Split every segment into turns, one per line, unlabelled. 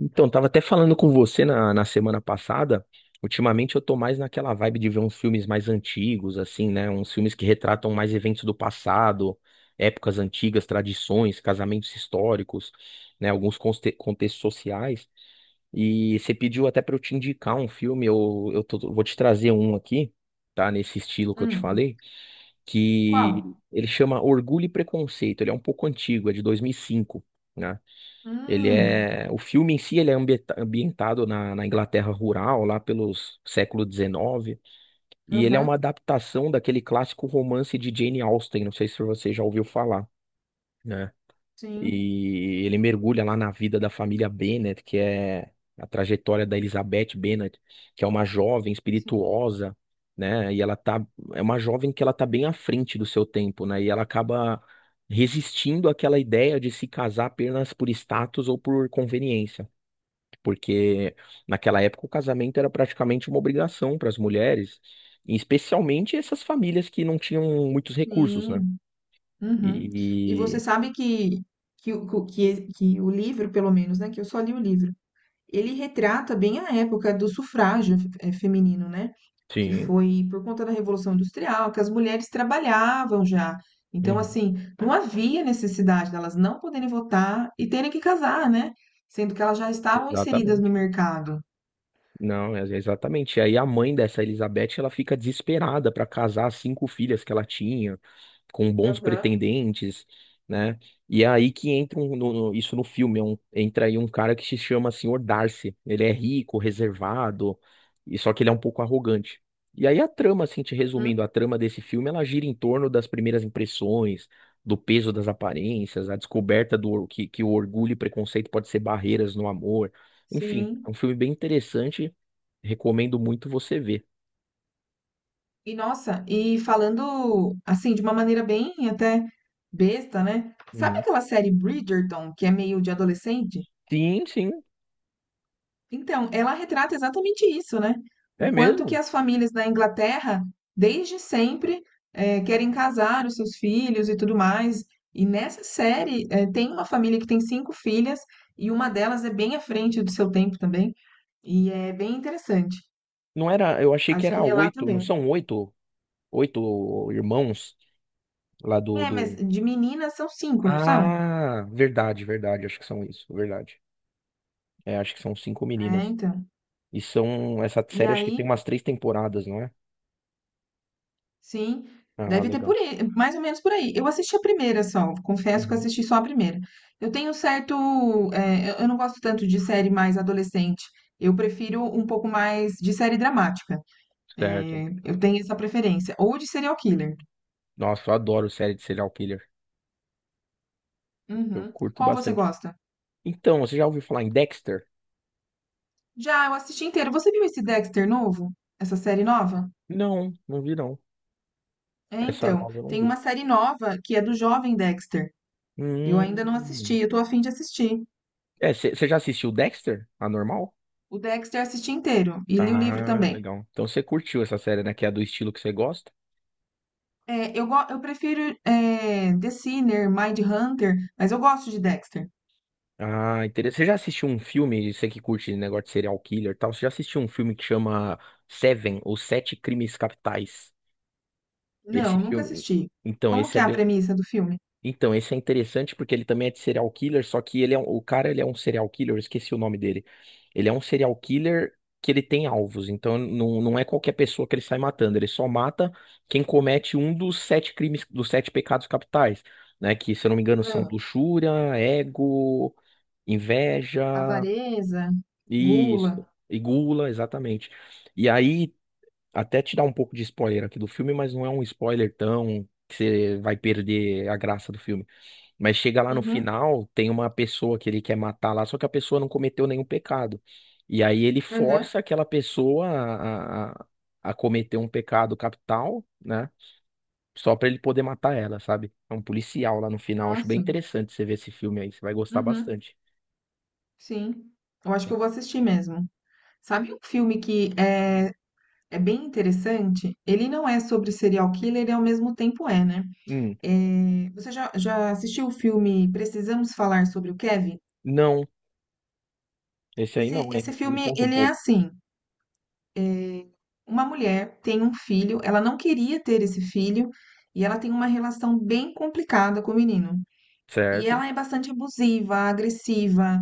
Então, tava até falando com você na semana passada. Ultimamente eu tô mais naquela vibe de ver uns filmes mais antigos, assim, né? Uns filmes que retratam mais eventos do passado, épocas antigas, tradições, casamentos históricos, né? Alguns contextos sociais. E você pediu até pra eu te indicar um filme, vou te trazer um aqui, tá? Nesse estilo que eu te
Hum.
falei, que
Qual?
ele chama Orgulho e Preconceito. Ele é um pouco antigo, é de 2005.
Hum,
O filme em si ele é ambientado na Inglaterra rural, lá pelos século XIX, e ele é uma
aham,
adaptação daquele clássico romance de Jane Austen, não sei se você já ouviu falar, né?
sim,
E ele mergulha lá na vida da família Bennet, que é a trajetória da Elizabeth Bennet, que é uma jovem
sim,
espirituosa, né? É uma jovem que ela tá bem à frente do seu tempo, né? E ela acaba resistindo àquela ideia de se casar apenas por status ou por conveniência, porque naquela época o casamento era praticamente uma obrigação para as mulheres, e especialmente essas famílias que não tinham muitos recursos, né?
sim, uhum. E você
E
sabe que, que o livro, pelo menos, né, que eu só li o livro, ele retrata bem a época do sufrágio, feminino, né, que
sim,
foi por conta da Revolução Industrial, que as mulheres trabalhavam já. Então,
uhum,
assim, não havia necessidade delas não poderem votar e terem que casar, né, sendo que elas já estavam inseridas no
exatamente.
mercado.
Não, é- exatamente. E aí a mãe dessa Elizabeth, ela fica desesperada para casar as cinco filhas que ela tinha, com bons
Aham.
pretendentes, né? E é aí que entra no filme, entra aí um cara que se chama Senhor Darcy. Ele é rico, reservado, e só que ele é um pouco arrogante. E aí a trama, assim, te resumindo,
Uhum,
a trama desse filme, ela gira em torno das primeiras impressões, do peso das aparências, a descoberta que o orgulho e preconceito pode ser barreiras no amor. Enfim, é
sim.
um filme bem interessante. Recomendo muito você ver.
E nossa, e falando assim, de uma maneira bem até besta, né? Sabe
Uhum.
aquela série Bridgerton, que é meio de adolescente?
Sim, sim,
Então, ela retrata exatamente isso, né?
é
O quanto que
mesmo.
as famílias na Inglaterra, desde sempre, querem casar os seus filhos e tudo mais. E nessa série, tem uma família que tem cinco filhas, e uma delas é bem à frente do seu tempo também, e é bem interessante.
Não era, eu achei que
Acho que
era
relata
oito, não
bem.
são oito, oito irmãos lá do,
É, mas
do...
de meninas são cinco, não são?
Ah, verdade, verdade, acho que são isso, verdade. É, acho que são cinco
É,
meninas.
então.
E são, essa
E
série acho que tem
aí
umas três temporadas, não é?
sim,
Ah,
deve ter por
legal.
aí, mais ou menos por aí. Eu assisti a primeira só, confesso que eu
Uhum.
assisti só a primeira. Eu tenho um certo, eu não gosto tanto de série mais adolescente. Eu prefiro um pouco mais de série dramática.
Certo.
Eu tenho essa preferência. Ou de serial killer.
Nossa, eu adoro série de serial killer. Eu
Uhum.
curto
Qual você
bastante.
gosta?
Então, você já ouviu falar em Dexter?
Já, eu assisti inteiro. Você viu esse Dexter novo? Essa série nova?
Não, não vi não.
É,
Essa
então.
nova eu não
Tem
vi.
uma série nova que é do jovem Dexter. Eu ainda não assisti,
Hum.
eu tô a fim de assistir.
É, você já assistiu Dexter? A normal?
O Dexter assisti inteiro e li o livro
Ah,
também.
legal. Então você curtiu essa série, né? Que é do estilo que você gosta.
Eu prefiro é The Sinner, Mindhunter, mas eu gosto de Dexter.
Ah, interessante. Você já assistiu um filme, você que curte negócio de serial killer e tal, você já assistiu um filme que chama Seven, ou Sete Crimes Capitais? Esse
Não, nunca
filme.
assisti.
Então,
Como
esse
que
é
é a
bem.
premissa do filme?
Então, esse é interessante porque ele também é de serial killer, só que o cara, ele é um serial killer, eu esqueci o nome dele. Ele é um serial killer que ele tem alvos, então não, não é qualquer pessoa que ele sai matando, ele só mata quem comete um dos sete crimes, dos sete pecados capitais, né? Que, se eu não me engano, são
Ah,
luxúria, ego, inveja,
avareza, gula.
isso, e gula, exatamente. E aí, até te dar um pouco de spoiler aqui do filme, mas não é um spoiler tão que você vai perder a graça do filme. Mas chega lá no
Uhum,
final, tem uma pessoa que ele quer matar lá, só que a pessoa não cometeu nenhum pecado. E aí ele
uhum.
força aquela pessoa a cometer um pecado capital, né? Só pra ele poder matar ela, sabe? É um policial lá no final. Acho bem
Nossa.
interessante você ver esse filme aí, você vai gostar
Uhum,
bastante.
sim. Eu acho que eu vou assistir mesmo. Sabe um filme que é bem interessante? Ele não é sobre serial killer e ao mesmo tempo é, né?
Hum,
É, você já, já assistiu o filme Precisamos Falar sobre o Kevin?
não, esse aí
Esse
não, é.
esse
Me
filme,
conta um
ele é
pouco.
assim, uma mulher tem um filho, ela não queria ter esse filho, e ela tem uma relação bem complicada com o menino. E
Certo?
ela é bastante abusiva, agressiva,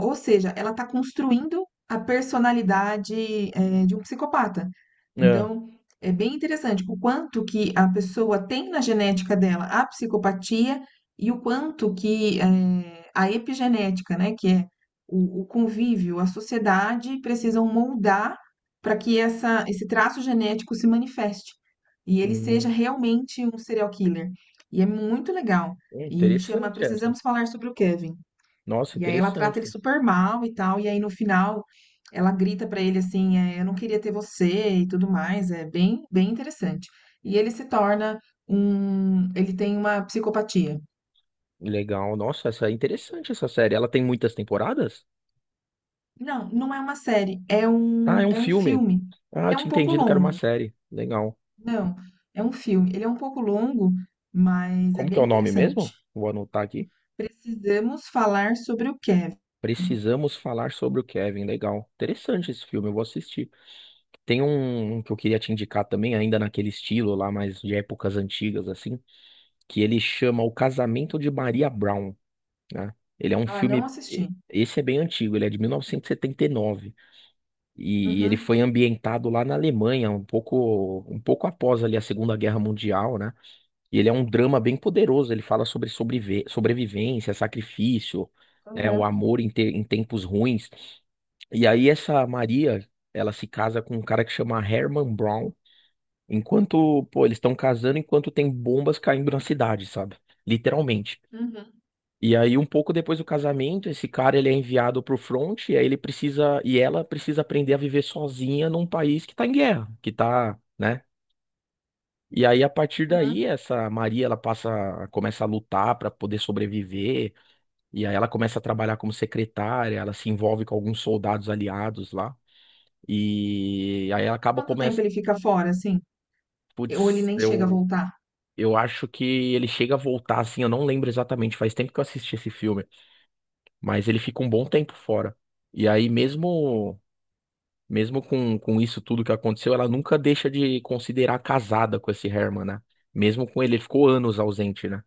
ou seja, ela está construindo a personalidade, de um psicopata.
É.
Então, é bem interessante o quanto que a pessoa tem na genética dela a psicopatia e o quanto que, a epigenética, né, que é o convívio, a sociedade, precisam moldar para que essa esse traço genético se manifeste e ele seja
Hum,
realmente um serial killer. E é muito legal. E chama
interessante essa.
Precisamos Falar sobre o Kevin.
Nossa,
E aí ela trata ele
interessante.
super mal e tal. E aí no final ela grita pra ele assim, é, eu não queria ter você e tudo mais. É bem, bem interessante. E ele se torna um, ele tem uma psicopatia.
Legal. Nossa, essa é interessante essa série. Ela tem muitas temporadas?
Não, não é uma série,
Ah, é um
é um
filme.
filme.
Ah, eu
Ele é um
tinha
pouco
entendido que era uma
longo.
série. Legal.
Não, é um filme. Ele é um pouco longo, mas é
Como que é
bem
o nome
interessante.
mesmo? Vou anotar aqui.
Precisamos falar sobre o Kevin.
Precisamos Falar sobre o Kevin. Legal. Interessante esse filme, eu vou assistir. Tem um que eu queria te indicar também, ainda naquele estilo lá, mas de épocas antigas, assim, que ele chama O Casamento de Maria Brown, né? Ele é um
Ah, não
filme.
assisti.
Esse é bem antigo, ele é de mil novecentos e setenta e nove. E ele
Uhum,
foi ambientado lá na Alemanha, um pouco após ali a Segunda Guerra Mundial, né? E ele é um drama bem poderoso. Ele fala sobre sobrevivência, sacrifício, né, o
uhum,
amor em tempos ruins. E aí essa Maria, ela se casa com um cara que chama Herman Brown. Enquanto, pô, eles estão casando enquanto tem bombas caindo na cidade, sabe? Literalmente.
uhum,
E aí um pouco depois do casamento, esse cara ele é enviado pro front e aí ele precisa e ela precisa aprender a viver sozinha num país que tá em guerra, que tá, né? E aí, a partir
uhum.
daí, essa Maria, ela passa, começa a lutar para poder sobreviver, e aí ela começa a trabalhar como secretária, ela se envolve com alguns soldados aliados lá, e aí ela acaba,
Quanto tempo
começa,
ele fica fora, assim? Ou ele
putz,
nem chega a
eu,
voltar?
eu acho que ele chega a voltar, assim, eu não lembro exatamente, faz tempo que eu assisti esse filme, mas ele fica um bom tempo fora. E aí, mesmo com isso tudo que aconteceu, ela nunca deixa de considerar casada com esse Herman, né? Mesmo com ele, ele ficou anos ausente, né?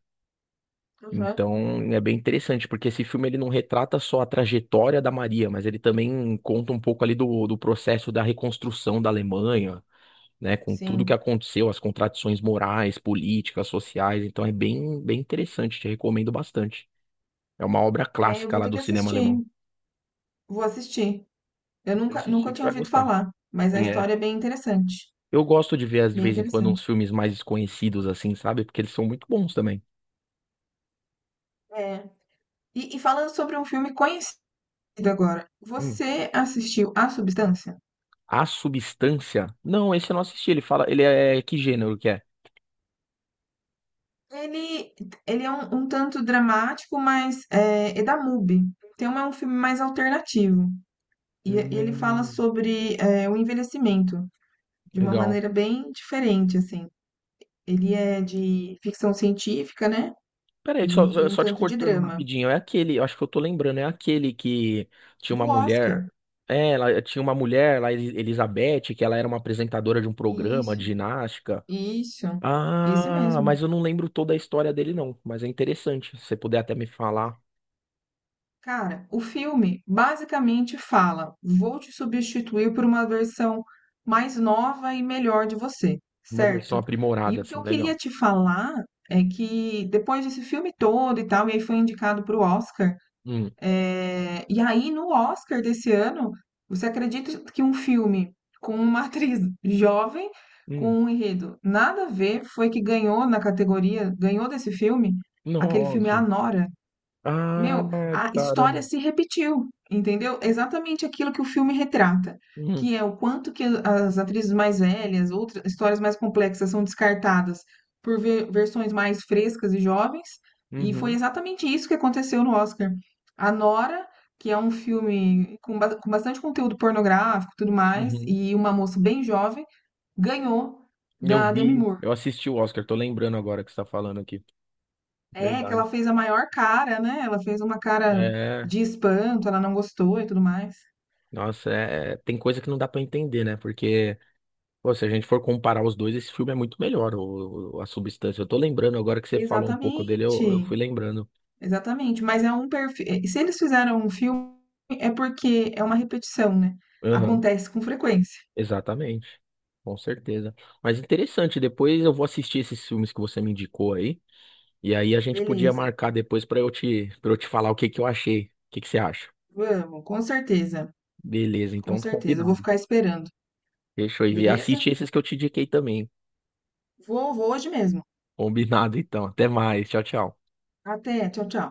Aham.
Então, é bem interessante, porque esse filme ele não retrata só a trajetória da Maria, mas ele também conta um pouco ali do processo da reconstrução da Alemanha, né, com tudo que
Sim.
aconteceu, as contradições morais, políticas, sociais. Então, é bem, bem interessante, te recomendo bastante. É uma obra
É, eu
clássica
vou
lá
ter
do
que
cinema
assistir.
alemão.
Vou assistir. Eu
Pode
nunca, nunca
assistir que você
tinha
vai
ouvido
gostar.
falar, mas a
É.
história é bem interessante.
Eu gosto de ver, de
Bem
vez em quando, uns
interessante.
filmes mais desconhecidos, assim, sabe? Porque eles são muito bons também.
É. E, e falando sobre um filme conhecido agora,
Hum.
você assistiu A Substância?
A Substância? Não, esse eu não assisti. Ele fala, ele é que gênero que é?
Ele, ele é um, um tanto dramático, mas é da MUBI. Então é um filme mais alternativo. E ele fala
Hum,
sobre o envelhecimento de uma
legal.
maneira bem diferente, assim. Ele é de ficção científica, né?
Peraí, só, só
E um
só te
tanto de
cortando
drama.
rapidinho. É aquele, eu acho que eu tô lembrando, é aquele que tinha uma
Do
mulher.
Oscar.
É, ela tinha uma mulher lá, Elizabeth, que ela era uma apresentadora de um programa de
Isso.
ginástica.
Isso, esse
Ah,
mesmo.
mas eu não lembro toda a história dele, não. Mas é interessante. Se você puder até me falar
Cara, o filme basicamente fala: vou te substituir por uma versão mais nova e melhor de você,
uma versão
certo? E
aprimorada,
o que
assim,
eu
legal.
queria te falar é que depois desse filme todo e tal, e aí foi indicado para o Oscar.
Hum,
É, e aí, no Oscar desse ano, você acredita que um filme com uma atriz jovem,
hum.
com um enredo nada a ver, foi que ganhou na categoria, ganhou desse filme, aquele filme a
Nossa.
Nora. Meu,
Ah,
a história
caramba.
se repetiu, entendeu? Exatamente aquilo que o filme retrata,
Hum,
que é o quanto que as atrizes mais velhas, outras histórias mais complexas são descartadas por versões mais frescas e jovens, e foi
uhum,
exatamente isso que aconteceu no Oscar. A Nora, que é um filme com, com bastante conteúdo pornográfico, e tudo mais,
uhum.
e uma moça bem jovem, ganhou
Eu
da Demi
vi,
Moore.
eu assisti o Oscar, tô lembrando agora que você tá falando aqui.
É, que ela
Verdade.
fez a maior cara, né? Ela fez uma cara
É,
de espanto, ela não gostou e tudo mais.
nossa, é, é, tem coisa que não dá pra entender, né? Porque, pô, se a gente for comparar os dois, esse filme é muito melhor, a substância. Eu tô lembrando agora que você falou um pouco dele, eu
Exatamente,
fui lembrando.
exatamente. Mas é um perfil. Se eles fizeram um filme, é porque é uma repetição, né?
Aham.
Acontece com frequência.
Exatamente, com certeza. Mas interessante, depois eu vou assistir esses filmes que você me indicou aí, e aí a gente podia
Beleza,
marcar depois pra para eu te falar o que que eu achei. O que que você acha?
vamos, com certeza,
Beleza,
com
então
certeza. Eu vou
combinado.
ficar esperando,
Fechou aí. Assiste
beleza?
esses que eu te indiquei também.
Vou, vou hoje mesmo.
Combinado, então. Até mais. Tchau, tchau.
Até, tchau, tchau.